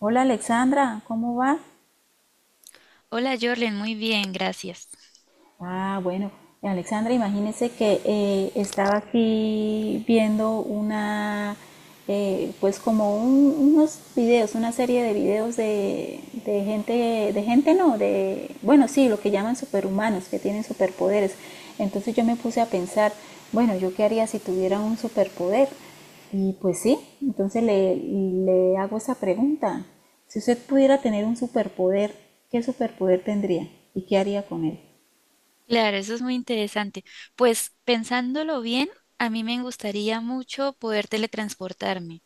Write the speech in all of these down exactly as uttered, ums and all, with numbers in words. Hola Alexandra, ¿cómo va? Hola Jorlen, muy bien, gracias. Ah, bueno, Alexandra, imagínese que eh, estaba aquí viendo una, eh, pues como un- unos videos, una serie de videos de, de gente, de gente no, de, bueno, sí, lo que llaman superhumanos, que tienen superpoderes. Entonces yo me puse a pensar, bueno, ¿yo qué haría si tuviera un superpoder? Y pues sí, entonces le, le hago esa pregunta. Si usted pudiera tener un superpoder, ¿qué superpoder tendría y qué haría con él? Claro, eso es muy interesante. Pues pensándolo bien, a mí me gustaría mucho poder teletransportarme,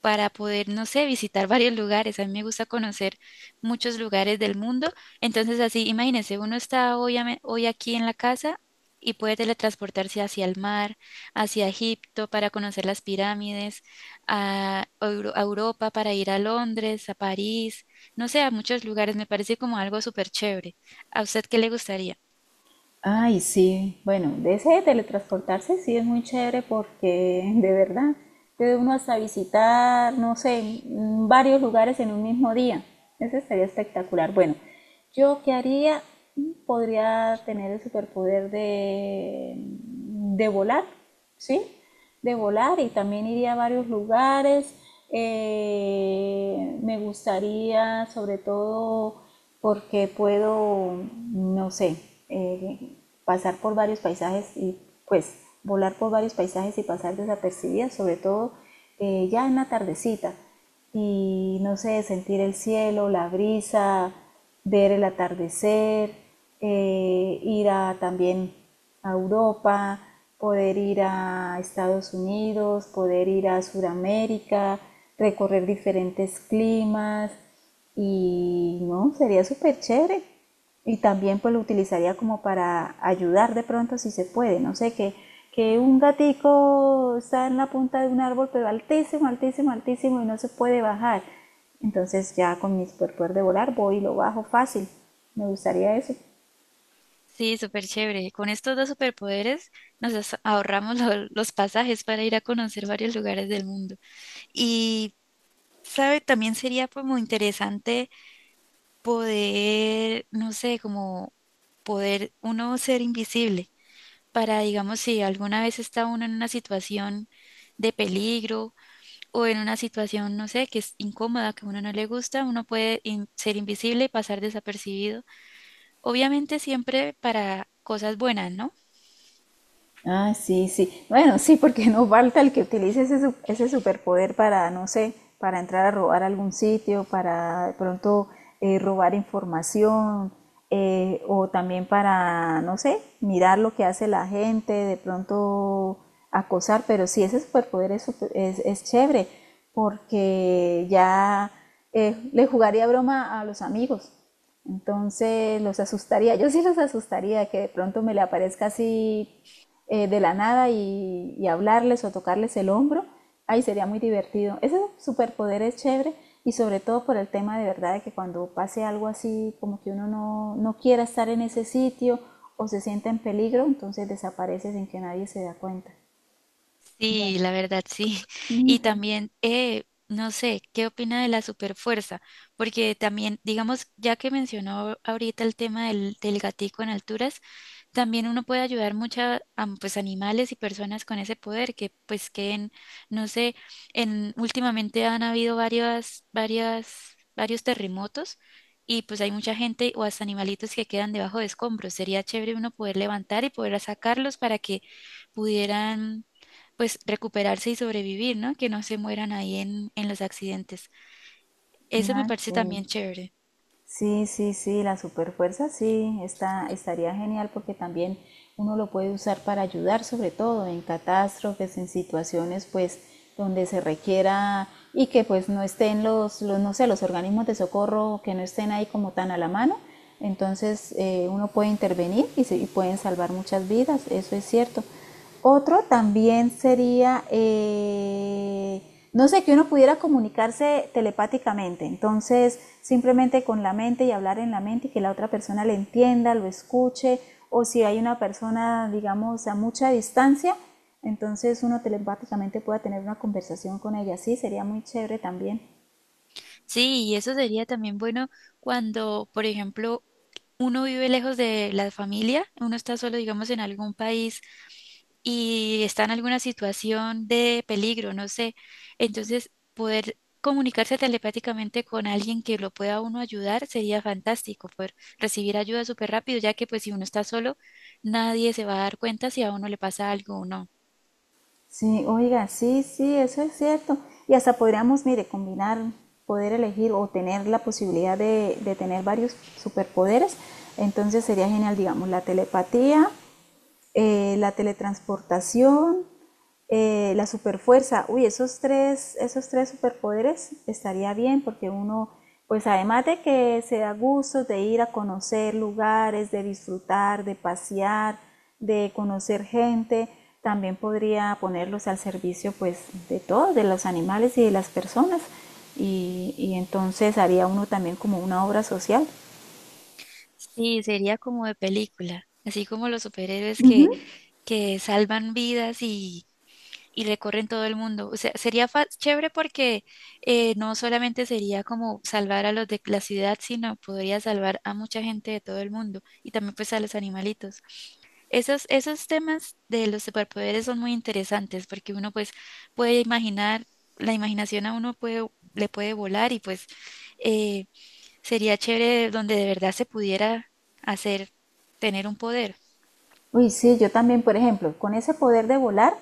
para poder, no sé, visitar varios lugares. A mí me gusta conocer muchos lugares del mundo. Entonces, así, imagínense, uno está hoy, ame- hoy aquí en la casa y puede teletransportarse hacia el mar, hacia Egipto para conocer las pirámides, a, Euro- a Europa para ir a Londres, a París, no sé, a muchos lugares. Me parece como algo súper chévere. ¿A usted qué le gustaría? Ay, sí, bueno, de ese de teletransportarse sí es muy chévere porque de verdad puede uno hasta visitar, no sé, mm, varios lugares en un mismo día. Ese estaría espectacular. Bueno, yo qué haría. Mm, podría tener el superpoder de, de volar, ¿sí? De volar y también iría a varios lugares. Eh, me gustaría, sobre todo, porque puedo, no sé, eh, pasar por varios paisajes y pues volar por varios paisajes y pasar desapercibida, sobre todo eh, ya en la tardecita y no sé, sentir el cielo, la brisa, ver el atardecer, eh, ir a, también a Europa, poder ir a Estados Unidos, poder ir a Sudamérica, recorrer diferentes climas y no, sería súper chévere. Y también pues lo utilizaría como para ayudar de pronto si se puede. No sé, que, que un gatico está en la punta de un árbol, pero altísimo, altísimo, altísimo y no se puede bajar. Entonces ya con mi superpoder de volar voy y lo bajo fácil. Me gustaría eso. Sí, súper chévere. Con estos dos superpoderes nos as- ahorramos lo- los pasajes para ir a conocer varios lugares del mundo. Y, ¿sabe? También sería como interesante poder, no sé, como poder uno ser invisible para, digamos, si alguna vez está uno en una situación de peligro o en una situación, no sé, que es incómoda, que a uno no le gusta, uno puede in- ser invisible y pasar desapercibido. Obviamente siempre para cosas buenas, ¿no? Ah, sí, sí. Bueno, sí, porque no falta el que utilice ese, su- ese superpoder para, no sé, para entrar a robar a algún sitio, para de pronto eh, robar información, eh, o también para, no sé, mirar lo que hace la gente, de pronto acosar, pero sí, ese superpoder es, super- es, es chévere, porque ya eh, le jugaría broma a los amigos. Entonces los asustaría, yo sí los asustaría, que de pronto me le aparezca así eh, de la nada y, y hablarles o tocarles el hombro, ahí sería muy divertido. Ese superpoder es chévere y sobre todo por el tema de verdad de que cuando pase algo así, como que uno no, no quiera estar en ese sitio o se sienta en peligro, entonces desaparece sin que nadie se da cuenta. Bueno, Sí, la verdad sí. Y también, eh, no sé, ¿qué opina de la superfuerza? Porque también, digamos, ya que mencionó ahorita el tema del, del gatico en alturas, también uno puede ayudar mucho a, am- pues, animales y personas con ese poder que, pues, que no sé, en, últimamente han habido varias, varias, varios terremotos y pues hay mucha gente o hasta animalitos que quedan debajo de escombros. Sería chévere uno poder levantar y poder sacarlos para que pudieran pues recuperarse y sobrevivir, ¿no? Que no se mueran ahí en, en los accidentes. Eso me ah, parece sí. también chévere. Sí, sí, sí, la superfuerza sí, está, estaría genial porque también uno lo puede usar para ayudar, sobre todo en catástrofes, en situaciones pues donde se requiera y que pues no estén los, los no sé, los organismos de socorro que no estén ahí como tan a la mano. Entonces eh, uno puede intervenir y, se, y pueden salvar muchas vidas, eso es cierto. Otro también sería, eh, no sé, que uno pudiera comunicarse telepáticamente, entonces simplemente con la mente y hablar en la mente y que la otra persona le entienda, lo escuche, o si hay una persona, digamos, a mucha distancia, entonces uno telepáticamente pueda tener una conversación con ella, sí, sería muy chévere también. Sí, y eso sería también bueno cuando, por ejemplo, uno vive lejos de la familia, uno está solo, digamos, en algún país y está en alguna situación de peligro, no sé. Entonces, poder comunicarse telepáticamente con alguien que lo pueda uno ayudar sería fantástico, poder recibir ayuda súper rápido, ya que pues si uno está solo, nadie se va a dar cuenta si a uno le pasa algo o no. Sí, oiga, sí, sí, eso es cierto. Y hasta podríamos, mire, combinar, poder elegir o tener la posibilidad de, de tener varios superpoderes. Entonces sería genial, digamos, la telepatía, eh, la teletransportación, eh, la superfuerza. Uy, esos tres, esos tres superpoderes estaría bien porque uno, pues además de que se da gusto de ir a conocer lugares, de disfrutar, de pasear, de conocer gente, también podría ponerlos al servicio pues de todos, de los animales y de las personas. Y, y entonces haría uno también como una obra social. Sí, sería como de película, así como los superhéroes que, que salvan vidas y, y recorren todo el mundo. O sea, sería fa- chévere porque eh, no solamente sería como salvar a los de la ciudad, sino podría salvar a mucha gente de todo el mundo y también pues a los animalitos. Esos, esos temas de los superpoderes son muy interesantes porque uno pues puede imaginar, la imaginación a uno puede, le puede volar y pues... eh, sería chévere donde de verdad se pudiera hacer, tener un poder. Uy, sí, yo también, por ejemplo, con ese poder de volar,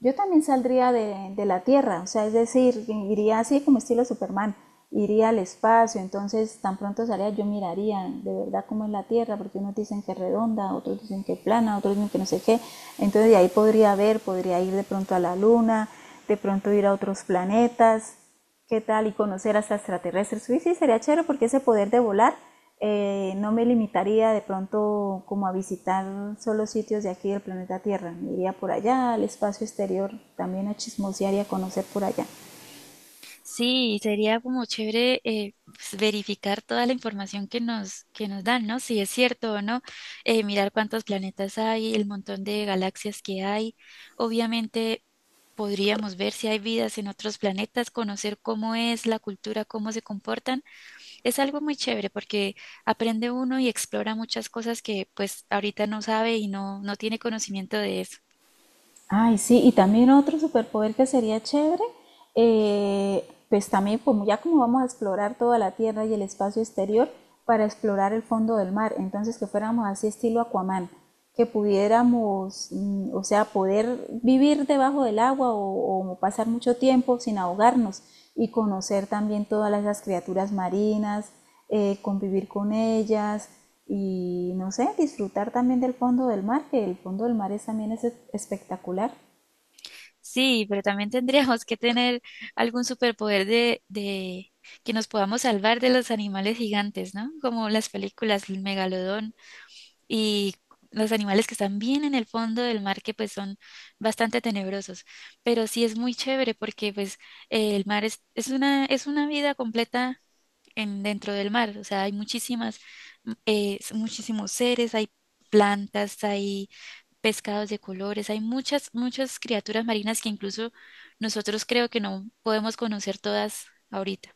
yo también saldría de, de la Tierra, o sea, es decir, iría así como estilo Superman, iría al espacio, entonces tan pronto salía yo miraría de verdad cómo es la Tierra, porque unos dicen que es redonda, otros dicen que es plana, otros dicen que no sé qué, entonces de ahí podría ver, podría ir de pronto a la Luna, de pronto ir a otros planetas, qué tal y conocer hasta extraterrestres. Sí, sí, sería chévere porque ese poder de volar eh, no me limitaría de pronto como a visitar solo sitios de aquí del planeta Tierra. Me iría por allá, al espacio exterior, también a chismosear y a conocer por allá. Sí, sería como chévere eh, pues, verificar toda la información que nos, que nos dan, ¿no? Si es cierto o no, eh, mirar cuántos planetas hay, el montón de galaxias que hay. Obviamente podríamos ver si hay vidas en otros planetas, conocer cómo es la cultura, cómo se comportan. Es algo muy chévere porque aprende uno y explora muchas cosas que pues ahorita no sabe y no, no tiene conocimiento de eso. Ay, sí, y también otro superpoder que sería chévere, eh, pues también como ya como vamos a explorar toda la tierra y el espacio exterior para explorar el fondo del mar, entonces que fuéramos así estilo Aquaman, que pudiéramos, mm, o sea, poder vivir debajo del agua o, o pasar mucho tiempo sin ahogarnos y conocer también todas esas criaturas marinas, eh, convivir con ellas y no sé, disfrutar también del fondo del mar, que el fondo del mar es, también es espectacular. Sí, pero también tendríamos que tener algún superpoder de, de que nos podamos salvar de los animales gigantes, ¿no? Como las películas, el megalodón y los animales que están bien en el fondo del mar, que pues son bastante tenebrosos. Pero sí es muy chévere porque pues eh, el mar es, es una, es una vida completa en, dentro del mar. O sea, hay muchísimas, mm, eh, s- muchísimos seres, hay plantas, hay pescados de colores, hay muchas, muchas criaturas marinas que incluso nosotros creo que no podemos conocer todas ahorita.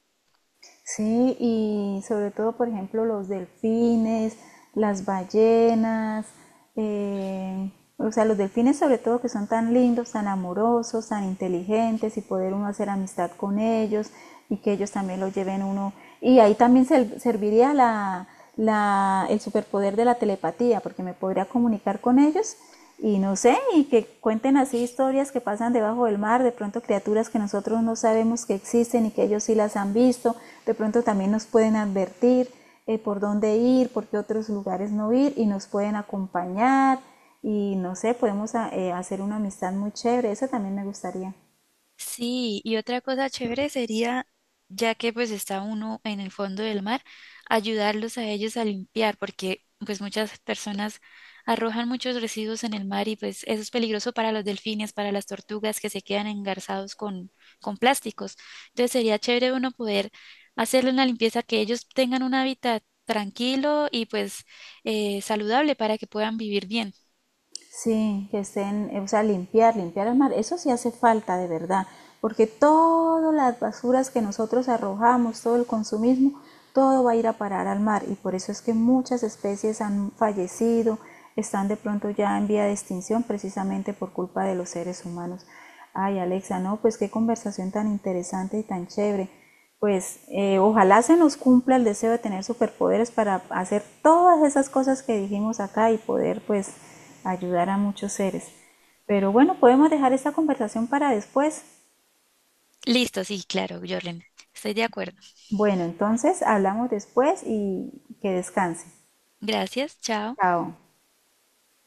Sí, y sobre todo, por ejemplo, los delfines, las ballenas, eh, o sea, los delfines sobre todo que son tan lindos, tan amorosos, tan inteligentes y poder uno hacer amistad con ellos y que ellos también lo lleven uno. Y ahí también se- serviría la, la- el superpoder de la telepatía, porque me podría comunicar con ellos y no sé, y que cuenten así historias que pasan debajo del mar, de pronto criaturas que nosotros no sabemos que existen y que ellos sí las han visto, de pronto también nos pueden advertir eh, por dónde ir, por qué otros lugares no ir y nos pueden acompañar y no sé, podemos ah, eh, hacer una amistad muy chévere, eso también me gustaría. Sí, y otra cosa chévere sería, ya que pues está uno en el fondo del mar, ayudarlos a ellos a limpiar, porque pues muchas personas arrojan muchos residuos en el mar y pues eso es peligroso para los delfines, para las tortugas que se quedan engarzados con, con plásticos. Entonces sería chévere uno poder hacerle una limpieza, que ellos tengan un hábitat tranquilo y pues eh, saludable para que puedan vivir bien. Sí, que estén, eh, o sea, limpiar, limpiar el mar, eso sí hace falta de verdad, porque todas las basuras que nosotros arrojamos, todo el consumismo, todo va a ir a parar al mar y por eso es que muchas especies han fallecido, están de pronto ya en vía de extinción precisamente por culpa de los seres humanos. Ay, Alexa, no, pues qué conversación tan interesante y tan chévere. Pues eh, ojalá se nos cumpla el deseo de tener superpoderes para hacer todas esas cosas que dijimos acá y poder pues ayudar a muchos seres. Pero bueno, podemos dejar esta conversación para después. Listo, sí, claro, Jorlen, estoy de acuerdo. Bueno, entonces hablamos después y que descanse. Gracias, chao. Chao.